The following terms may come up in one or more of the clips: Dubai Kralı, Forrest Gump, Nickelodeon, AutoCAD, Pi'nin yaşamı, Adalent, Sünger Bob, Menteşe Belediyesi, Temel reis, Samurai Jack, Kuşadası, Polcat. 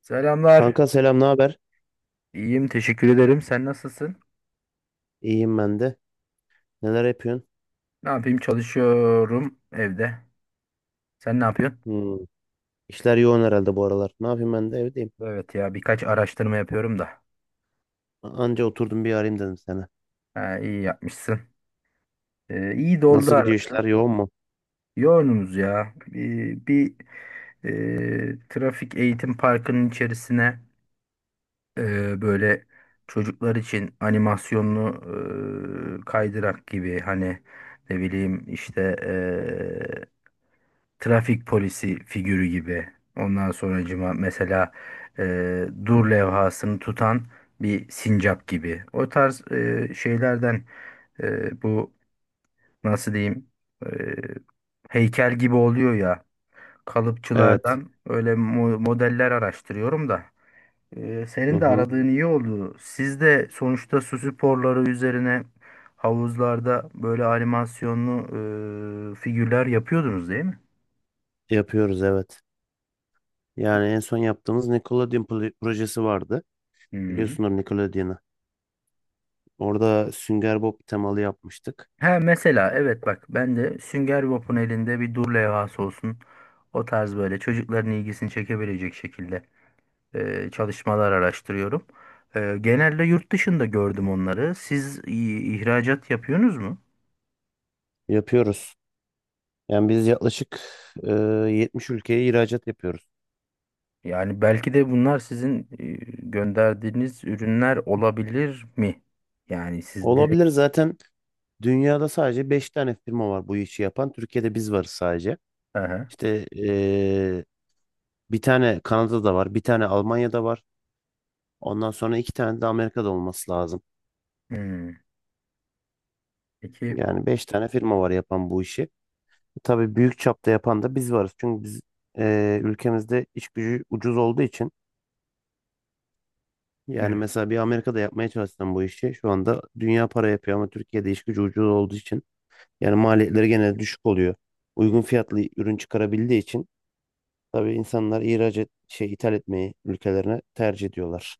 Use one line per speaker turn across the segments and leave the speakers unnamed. Selamlar.
Kanka selam, ne haber?
İyiyim, teşekkür ederim. Sen nasılsın?
İyiyim ben de. Neler yapıyorsun?
Ne yapayım? Çalışıyorum evde. Sen ne yapıyorsun?
Hmm. İşler yoğun herhalde bu aralar. Ne yapayım ben de evdeyim.
Evet ya, birkaç araştırma yapıyorum da.
Anca oturdum bir arayayım dedim sana.
Ha, iyi yapmışsın. İyi doldu
Nasıl gidiyor
arada.
işler yoğun mu?
Yoğunuz ya. Bir trafik eğitim parkının içerisine, böyle çocuklar için animasyonlu, kaydırak gibi, hani ne bileyim işte, e, trafik polisi figürü gibi. Ondan sonracıma mesela dur levhasını tutan bir sincap gibi. O tarz şeylerden, bu nasıl diyeyim, e, heykel gibi oluyor ya,
Evet.
kalıpçılardan öyle modeller araştırıyorum da.
Hı
Senin de
hı.
aradığın iyi oldu. Siz de sonuçta su sporları üzerine havuzlarda böyle animasyonlu figürler yapıyordunuz değil mi?
Yapıyoruz evet. Yani en son yaptığımız Nickelodeon projesi vardı.
Hı.
Biliyorsunuz Nickelodeon'u. Orada Sünger Bob temalı yapmıştık.
He, mesela evet, bak ben de Sünger Bob'un elinde bir dur levhası olsun. O tarz böyle çocukların ilgisini çekebilecek şekilde çalışmalar araştırıyorum. Genelde yurt dışında gördüm onları. Siz ihracat yapıyorsunuz mu?
Yapıyoruz. Yani biz yaklaşık e, 70 ülkeye ihracat yapıyoruz.
Yani belki de bunlar sizin gönderdiğiniz ürünler olabilir mi? Yani siz direkt...
Olabilir zaten dünyada sadece 5 tane firma var bu işi yapan. Türkiye'de biz varız sadece.
Aha.
İşte bir tane Kanada'da var, bir tane Almanya'da var. Ondan sonra iki tane de Amerika'da olması lazım.
Hmm. Peki...
Yani beş tane firma var yapan bu işi. Tabii büyük çapta yapan da biz varız. Çünkü biz ülkemizde iş gücü ucuz olduğu için yani
Evet.
mesela bir Amerika'da yapmaya çalışsam bu işi şu anda dünya para yapıyor ama Türkiye'de iş gücü ucuz olduğu için yani maliyetleri genelde düşük oluyor. Uygun
Hmm.
fiyatlı ürün çıkarabildiği için tabii insanlar şey ithal etmeyi ülkelerine tercih ediyorlar.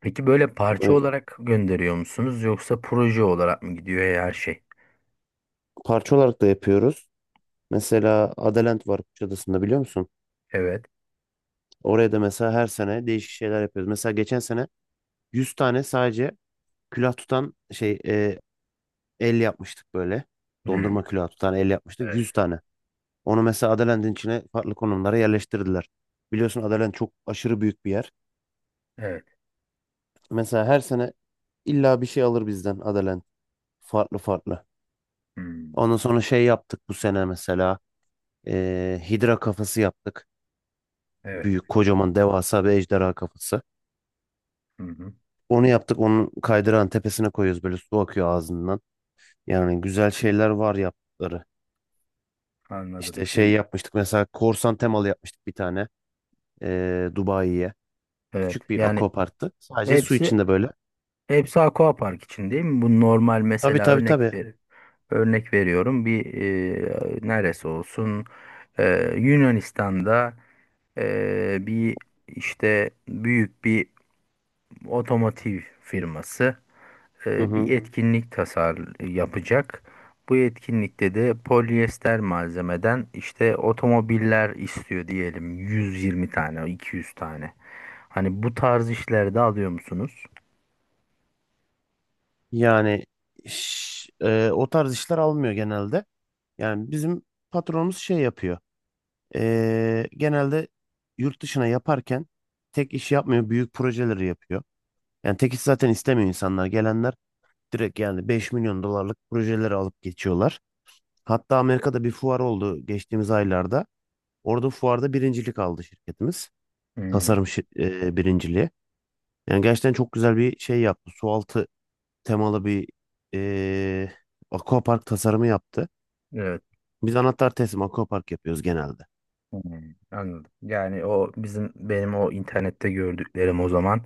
Peki böyle parça olarak gönderiyor musunuz yoksa proje olarak mı gidiyor her şey?
Parça olarak da yapıyoruz. Mesela Adalent var Kuşadası'nda biliyor musun?
Evet.
Oraya da mesela her sene değişik şeyler yapıyoruz. Mesela geçen sene 100 tane sadece külah tutan şey el yapmıştık böyle.
Hmm,
Dondurma külahı tutan el yapmıştık
evet,
100 tane. Onu mesela Adalent'in içine farklı konumlara yerleştirdiler. Biliyorsun Adalent çok aşırı büyük bir yer.
evet.
Mesela her sene illa bir şey alır bizden Adalent. Farklı farklı.
Hmm,
Ondan sonra şey yaptık bu sene mesela. Hidra kafası yaptık.
evet.
Büyük, kocaman, devasa bir ejderha kafası.
Hı hı.
Onu yaptık. Onun kaydırağın tepesine koyuyoruz. Böyle su akıyor ağzından. Yani güzel şeyler var yaptıkları.
Anladım.
İşte şey
Şey,
yapmıştık. Mesela korsan temalı yapmıştık bir tane. Dubai'ye.
evet,
Küçük bir
yani
aquaparktı. Sadece su
hepsi
içinde böyle.
hepsi aquapark için değil mi? Bu normal,
Tabii
mesela,
tabii tabii.
örnek veriyorum, bir neresi olsun. E, Yunanistan'da bir, işte büyük bir otomotiv firması
Hı
bir
hı.
etkinlik yapacak. Bu etkinlikte de polyester malzemeden işte otomobiller istiyor, diyelim 120 tane, 200 tane. Hani bu tarz işlerde alıyor musunuz?
Yani o tarz işler almıyor genelde. Yani bizim patronumuz şey yapıyor. Genelde yurt dışına yaparken tek iş yapmıyor. Büyük projeleri yapıyor. Yani tek iş zaten istemiyor insanlar. Gelenler direkt yani 5 milyon dolarlık projeleri alıp geçiyorlar. Hatta Amerika'da bir fuar oldu geçtiğimiz aylarda. Orada fuarda birincilik aldı şirketimiz.
Hmm,
Tasarım birinciliği. Yani gerçekten çok güzel bir şey yaptı. Sualtı temalı bir e, aquapark tasarımı yaptı.
evet.
Biz anahtar teslim aquapark yapıyoruz genelde.
Hmm, anladım. Yani O bizim benim o internette gördüklerim o zaman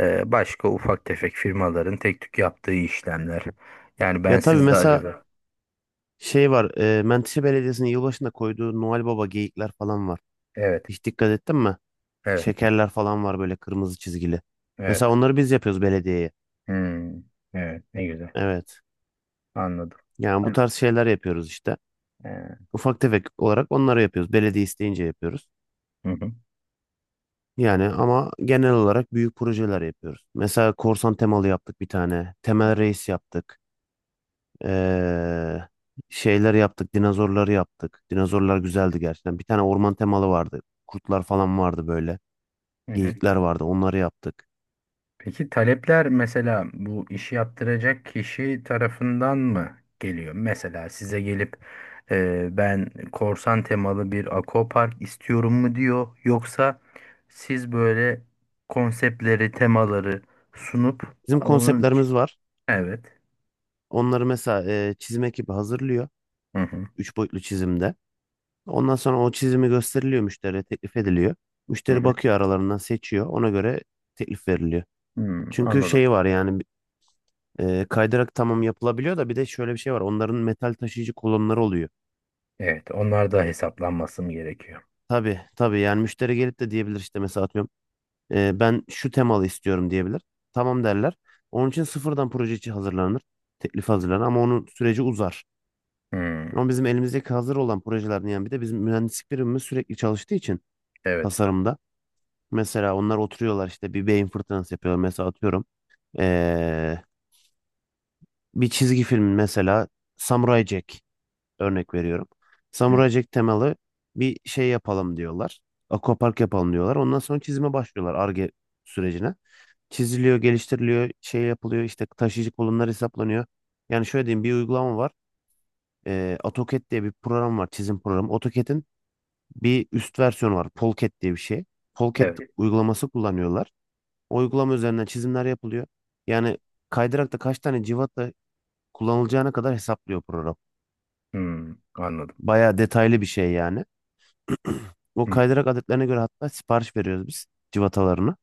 başka ufak tefek firmaların tek tük yaptığı işlemler. Yani
Ya
ben
tabii
sizde,
mesela
acaba?
şey var. Menteşe Belediyesi'nin yılbaşında koyduğu Noel Baba geyikler falan var.
Evet,
Hiç dikkat ettin mi?
evet,
Şekerler falan var böyle kırmızı çizgili. Mesela
evet.
onları biz yapıyoruz belediyeye.
Hmm, evet. Ne güzel.
Evet.
Anladım.
Yani bu tarz şeyler yapıyoruz işte.
Ee,
Ufak tefek olarak onları yapıyoruz. Belediye isteyince yapıyoruz.
hı hı,
Yani ama genel olarak büyük projeler yapıyoruz. Mesela korsan temalı yaptık bir tane. Temel reis yaptık. Ee, Şeyler yaptık. Dinozorları yaptık. Dinozorlar güzeldi gerçekten. Bir tane orman temalı vardı. Kurtlar falan vardı böyle.
hı hı.
Geyikler vardı. Onları yaptık.
Peki talepler mesela bu işi yaptıracak kişi tarafından mı geliyor? Mesela size gelip ben korsan temalı bir akopark istiyorum mu diyor, yoksa siz böyle konseptleri, temaları sunup
Bizim
onun
konseptlerimiz
için...
var.
Evet.
Onları mesela çizim ekibi hazırlıyor.
Hı hı,
Üç boyutlu çizimde. Ondan sonra o çizimi gösteriliyor müşteriye teklif ediliyor.
hı
Müşteri
hı.
bakıyor aralarından seçiyor. Ona göre teklif veriliyor.
Hmm,
Çünkü
anladım.
şey var yani kaydırak tamam yapılabiliyor da bir de şöyle bir şey var. Onların metal taşıyıcı kolonları oluyor.
Evet, onlar da hesaplanması mı gerekiyor?
Tabii tabii yani müşteri gelip de diyebilir işte mesela atıyorum ben şu temalı istiyorum diyebilir. Tamam derler. Onun için sıfırdan proje için hazırlanır. Teklif hazırlanır ama onun süreci uzar.
Hmm,
Ama bizim elimizdeki hazır olan projelerden yani bir de bizim mühendislik birimimiz sürekli çalıştığı için
evet.
tasarımda. Mesela onlar oturuyorlar işte bir beyin fırtınası yapıyorlar. Mesela atıyorum ee, bir çizgi film mesela Samurai Jack örnek veriyorum.
Hı.
Samurai Jack temalı bir şey yapalım diyorlar. Aquapark yapalım diyorlar. Ondan sonra çizime başlıyorlar Ar-Ge sürecine. Çiziliyor, geliştiriliyor, şey yapılıyor işte taşıyıcı kolonlar hesaplanıyor. Yani şöyle diyeyim bir uygulama var. AutoCAD diye bir program var çizim programı. AutoCAD'in bir üst versiyonu var. Polcat diye bir şey. Polcat
Evet.
uygulaması kullanıyorlar. Uygulama üzerinden çizimler yapılıyor. Yani kaydırakta kaç tane cıvata kullanılacağına kadar hesaplıyor program.
Hmm, anladım.
Bayağı detaylı bir şey yani. O
Hı,
kaydırak adetlerine göre hatta sipariş veriyoruz biz cıvatalarını.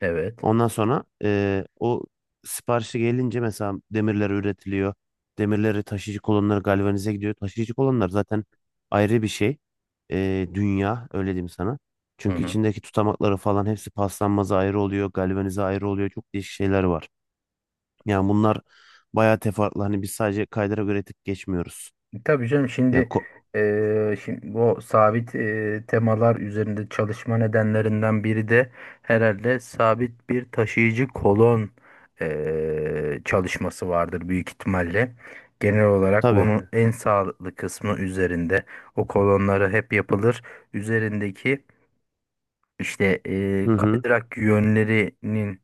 evet.
Ondan sonra o siparişi gelince mesela demirler üretiliyor. Demirleri taşıyıcı kolonları galvanize gidiyor. Taşıyıcı kolonlar zaten ayrı bir şey. Dünya öyle diyeyim sana.
Hı
Çünkü
hı.
içindeki tutamakları falan hepsi paslanmaza ayrı oluyor. Galvanize ayrı oluyor. Çok değişik şeyler var. Yani bunlar bayağı teferruatlı. Hani biz sadece kaydıra göre tık geçmiyoruz.
Tabii canım.
Ya ko-
Şimdi bu sabit, temalar üzerinde çalışma nedenlerinden biri de herhalde sabit bir taşıyıcı kolon çalışması vardır büyük ihtimalle. Genel olarak
tabii.
onun, evet, en sağlıklı kısmı üzerinde o kolonları hep yapılır. Üzerindeki işte
Hı hı.
kaydırak yönlerinin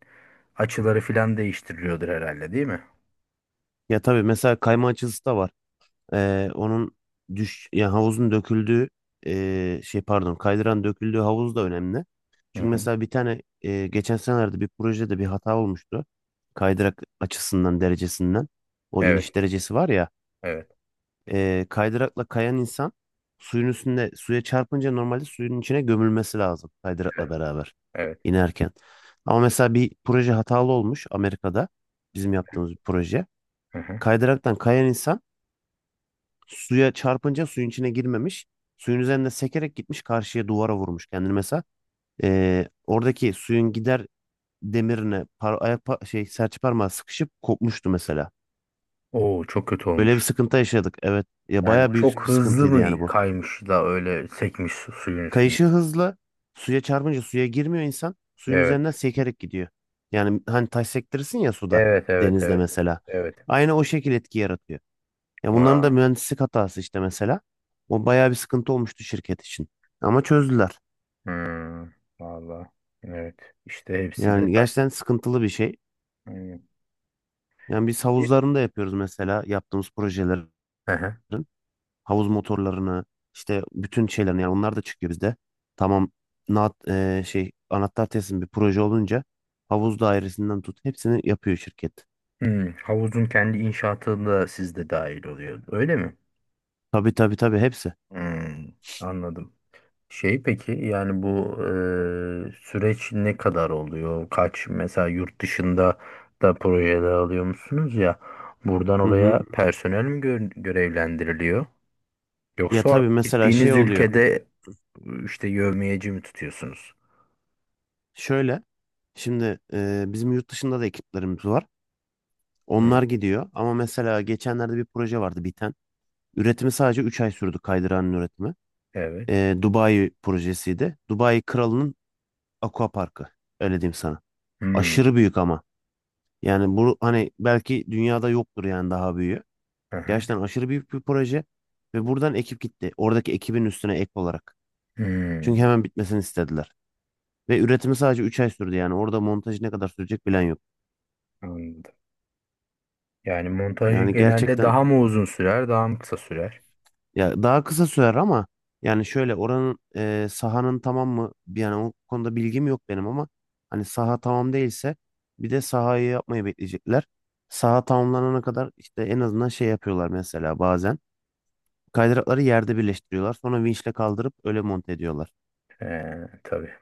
açıları filan değiştiriliyordur herhalde değil mi?
Ya tabii mesela kayma açısı da var. Onun düş ya havuzun döküldüğü şey pardon kaydıran döküldüğü havuz da önemli.
Hı
Çünkü
hı.
mesela bir tane geçen senelerde bir projede bir hata olmuştu. Kaydırak açısından derecesinden o
Evet,
iniş derecesi var ya.
evet,
Kaydırakla kayan insan suyun üstünde suya çarpınca normalde suyun içine gömülmesi lazım kaydırakla
evet,
beraber
evet.
inerken. Ama mesela bir proje hatalı olmuş Amerika'da bizim yaptığımız bir proje.
Hı hı.
Kaydıraktan kayan insan suya çarpınca suyun içine girmemiş. Suyun üzerinde sekerek gitmiş karşıya duvara vurmuş kendini mesela. Oradaki suyun gider demirine şey serçe parmağı sıkışıp kopmuştu mesela.
Oo, çok kötü
Böyle bir
olmuş.
sıkıntı yaşadık. Evet. Ya
Yani
bayağı
baya
büyük
çok büyük
bir
hızlı sıkıntı
sıkıntıydı
mı
yani
yani?
bu.
Kaymış da öyle sekmiş suyun üstünde?
Kayışı hızlı. Suya çarpınca suya girmiyor insan. Suyun
Evet.
üzerinden sekerek gidiyor. Yani hani taş sektirirsin ya suda.
Evet, evet,
Denizde
evet.
mesela.
Evet.
Aynı o şekil etki yaratıyor. Ya bunların da
Vaa.
mühendislik hatası işte mesela. O bayağı bir sıkıntı olmuştu şirket için. Ama çözdüler.
Hmm. Valla. Evet. İşte hepsi
Yani
detay.
gerçekten sıkıntılı bir şey.
Hmm.
Yani biz havuzlarını da yapıyoruz mesela yaptığımız projelerin.
Aha.
Havuz motorlarını işte bütün şeylerini yani onlar da çıkıyor bizde. Tamam şey anahtar teslim bir proje olunca havuz dairesinden tut hepsini yapıyor şirket.
Hmm. Havuzun kendi inşaatı da sizde dahil oluyor. Öyle mi?
Tabii tabii tabii hepsi.
Hmm. Anladım. Şey, peki yani bu süreç ne kadar oluyor? Mesela yurt dışında da projeler alıyor musunuz ya? Buradan
Hı hı.
oraya personel mi görevlendiriliyor?
Ya
Yoksa
tabii mesela şey
gittiğiniz
oluyor.
ülkede işte yevmiyeci mi tutuyorsunuz?
Şöyle şimdi bizim yurt dışında da ekiplerimiz var.
Hı,
Onlar gidiyor ama mesela geçenlerde bir proje vardı biten. Üretimi sadece 3 ay sürdü kaydıranın üretimi.
evet.
Dubai projesiydi. Dubai Kralı'nın Aqua Parkı. Öyle diyeyim sana.
Hmm,
Aşırı büyük ama. Yani bu hani belki dünyada yoktur yani daha büyüğü.
aha.
Gerçekten aşırı büyük bir proje ve buradan ekip gitti. Oradaki ekibin üstüne ek olarak. Çünkü
Hmm,
hemen bitmesini istediler. Ve üretimi sadece 3 ay sürdü yani. Orada montajı ne kadar sürecek bilen yok.
anladım. Yani montajı
Yani
genelde
gerçekten
daha mı uzun sürer, daha mı kısa sürer?
ya daha kısa sürer ama yani şöyle oranın sahanın tamam mı? Yani o konuda bilgim yok benim ama hani saha tamam değilse bir de sahayı yapmayı bekleyecekler. Saha tamamlanana kadar işte en azından şey yapıyorlar mesela bazen. Kaydırakları yerde birleştiriyorlar. Sonra vinçle kaldırıp öyle monte ediyorlar.
Ee, tabii.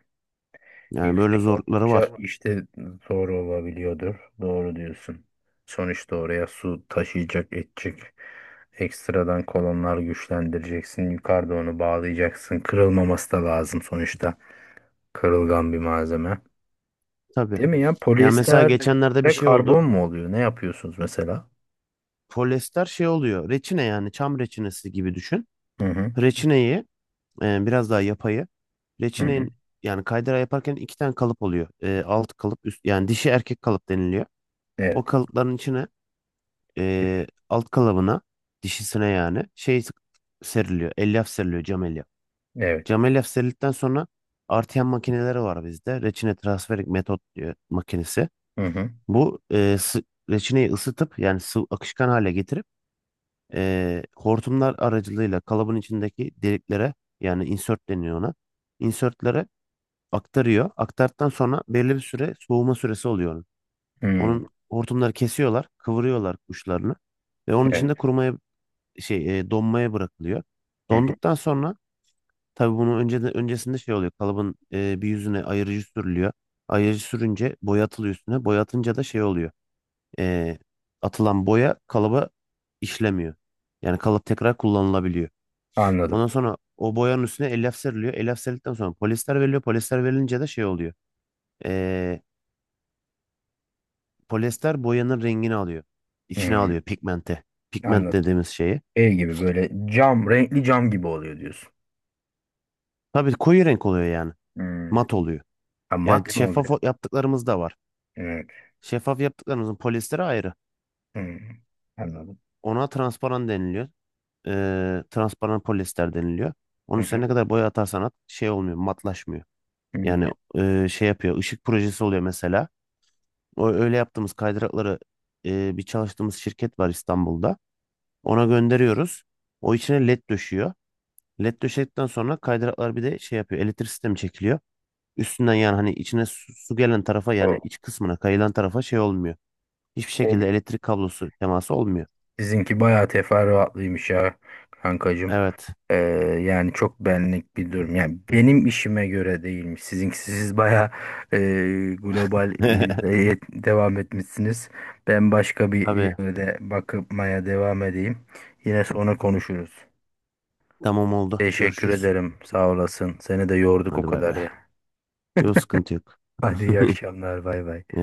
Yani böyle
Yüksek
zorlukları var.
oldukça işte zor olabiliyordur. Doğru diyorsun. Sonuçta oraya su taşıyacak, edecek. Ekstradan kolonlar güçlendireceksin. Yukarıda onu bağlayacaksın. Kırılmaması da lazım sonuçta. Kırılgan bir malzeme.
Tabii.
Değil mi ya?
Yani mesela
Polyester
geçenlerde bir
ve
şey oldu.
karbon mu oluyor? Ne yapıyorsunuz mesela?
Polyester şey oluyor. Reçine yani çam reçinesi gibi düşün.
Hı hı.
Reçineyi biraz daha yapayı.
Hı hı.
Reçinenin yani kaydıra yaparken iki tane kalıp oluyor. Alt kalıp üst yani dişi erkek kalıp deniliyor.
Evet.
O kalıpların içine alt kalıbına dişisine yani şey seriliyor. Elyaf seriliyor cam elyaf.
Evet.
Camel efserildikten sonra artıyan makineleri var bizde. Reçine transferik metot diye makinesi.
Hı hı.
Bu reçineyi ısıtıp yani sıvı akışkan hale getirip hortumlar aracılığıyla kalıbın içindeki deliklere yani insert deniyor ona. Insertlere aktarıyor. Aktardıktan sonra belli bir süre soğuma süresi oluyor. Onun
Hı.
Onun hortumları kesiyorlar, kıvırıyorlar uçlarını ve onun
Evet.
içinde kurumaya şey donmaya bırakılıyor.
Hı hı.
Donduktan sonra tabii bunu önce de, öncesinde şey oluyor. Kalıbın bir yüzüne ayırıcı sürülüyor. Ayırıcı sürünce boya atılıyor üstüne. Boya atınca da şey oluyor. E, Atılan boya kalıba işlemiyor. Yani kalıp tekrar kullanılabiliyor.
Anladım.
Ondan sonra o boyanın üstüne elyaf seriliyor. Elyaf serildikten sonra polyester veriliyor. Polyester verilince de şey oluyor. E, Polyester boyanın rengini alıyor. İçine
Hı.
alıyor pigmente. Pigment
Anladım.
dediğimiz şeyi.
Şey gibi böyle cam, renkli cam gibi oluyor diyorsun.
Tabii koyu renk oluyor yani.
Hmm.
Mat oluyor.
Ha,
Yani
mat mı
şeffaf
oluyor?
yaptıklarımız da var.
Evet.
Şeffaf yaptıklarımızın polyesteri ayrı.
Hmm, anladım.
Ona transparan deniliyor. Transparan polyester deniliyor. Onun
Hı
üstüne
hı.
ne kadar boya atarsan at şey olmuyor, matlaşmıyor. Yani
Hı.
şey yapıyor, ışık projesi oluyor mesela. O öyle yaptığımız kaydırakları bir çalıştığımız şirket var İstanbul'da. Ona gönderiyoruz. O içine led döşüyor. Led döşedikten sonra kaydıraklar bir de şey yapıyor, elektrik sistemi çekiliyor. Üstünden yani hani içine su gelen tarafa
O,
yani iç kısmına kayılan tarafa şey olmuyor. Hiçbir
o
şekilde elektrik kablosu teması olmuyor.
sizinki bayağı teferruatlıymış ya kankacığım.
Evet.
Ee, Yani çok benlik bir durum. Yani benim işime göre değilmiş. Sizinki, siz bayağı e, global, devam etmişsiniz. Ben başka bir
Tabii.
yerde bakmaya devam edeyim. Yine sonra konuşuruz.
Tamam oldu.
Teşekkür
Görüşürüz.
ederim. Sağ olasın. Seni de yorduk o
Hadi bay
kadar
bay.
ya.
Yok sıkıntı yok.
Hadi iyi akşamlar. Bay bay.
Yaşa.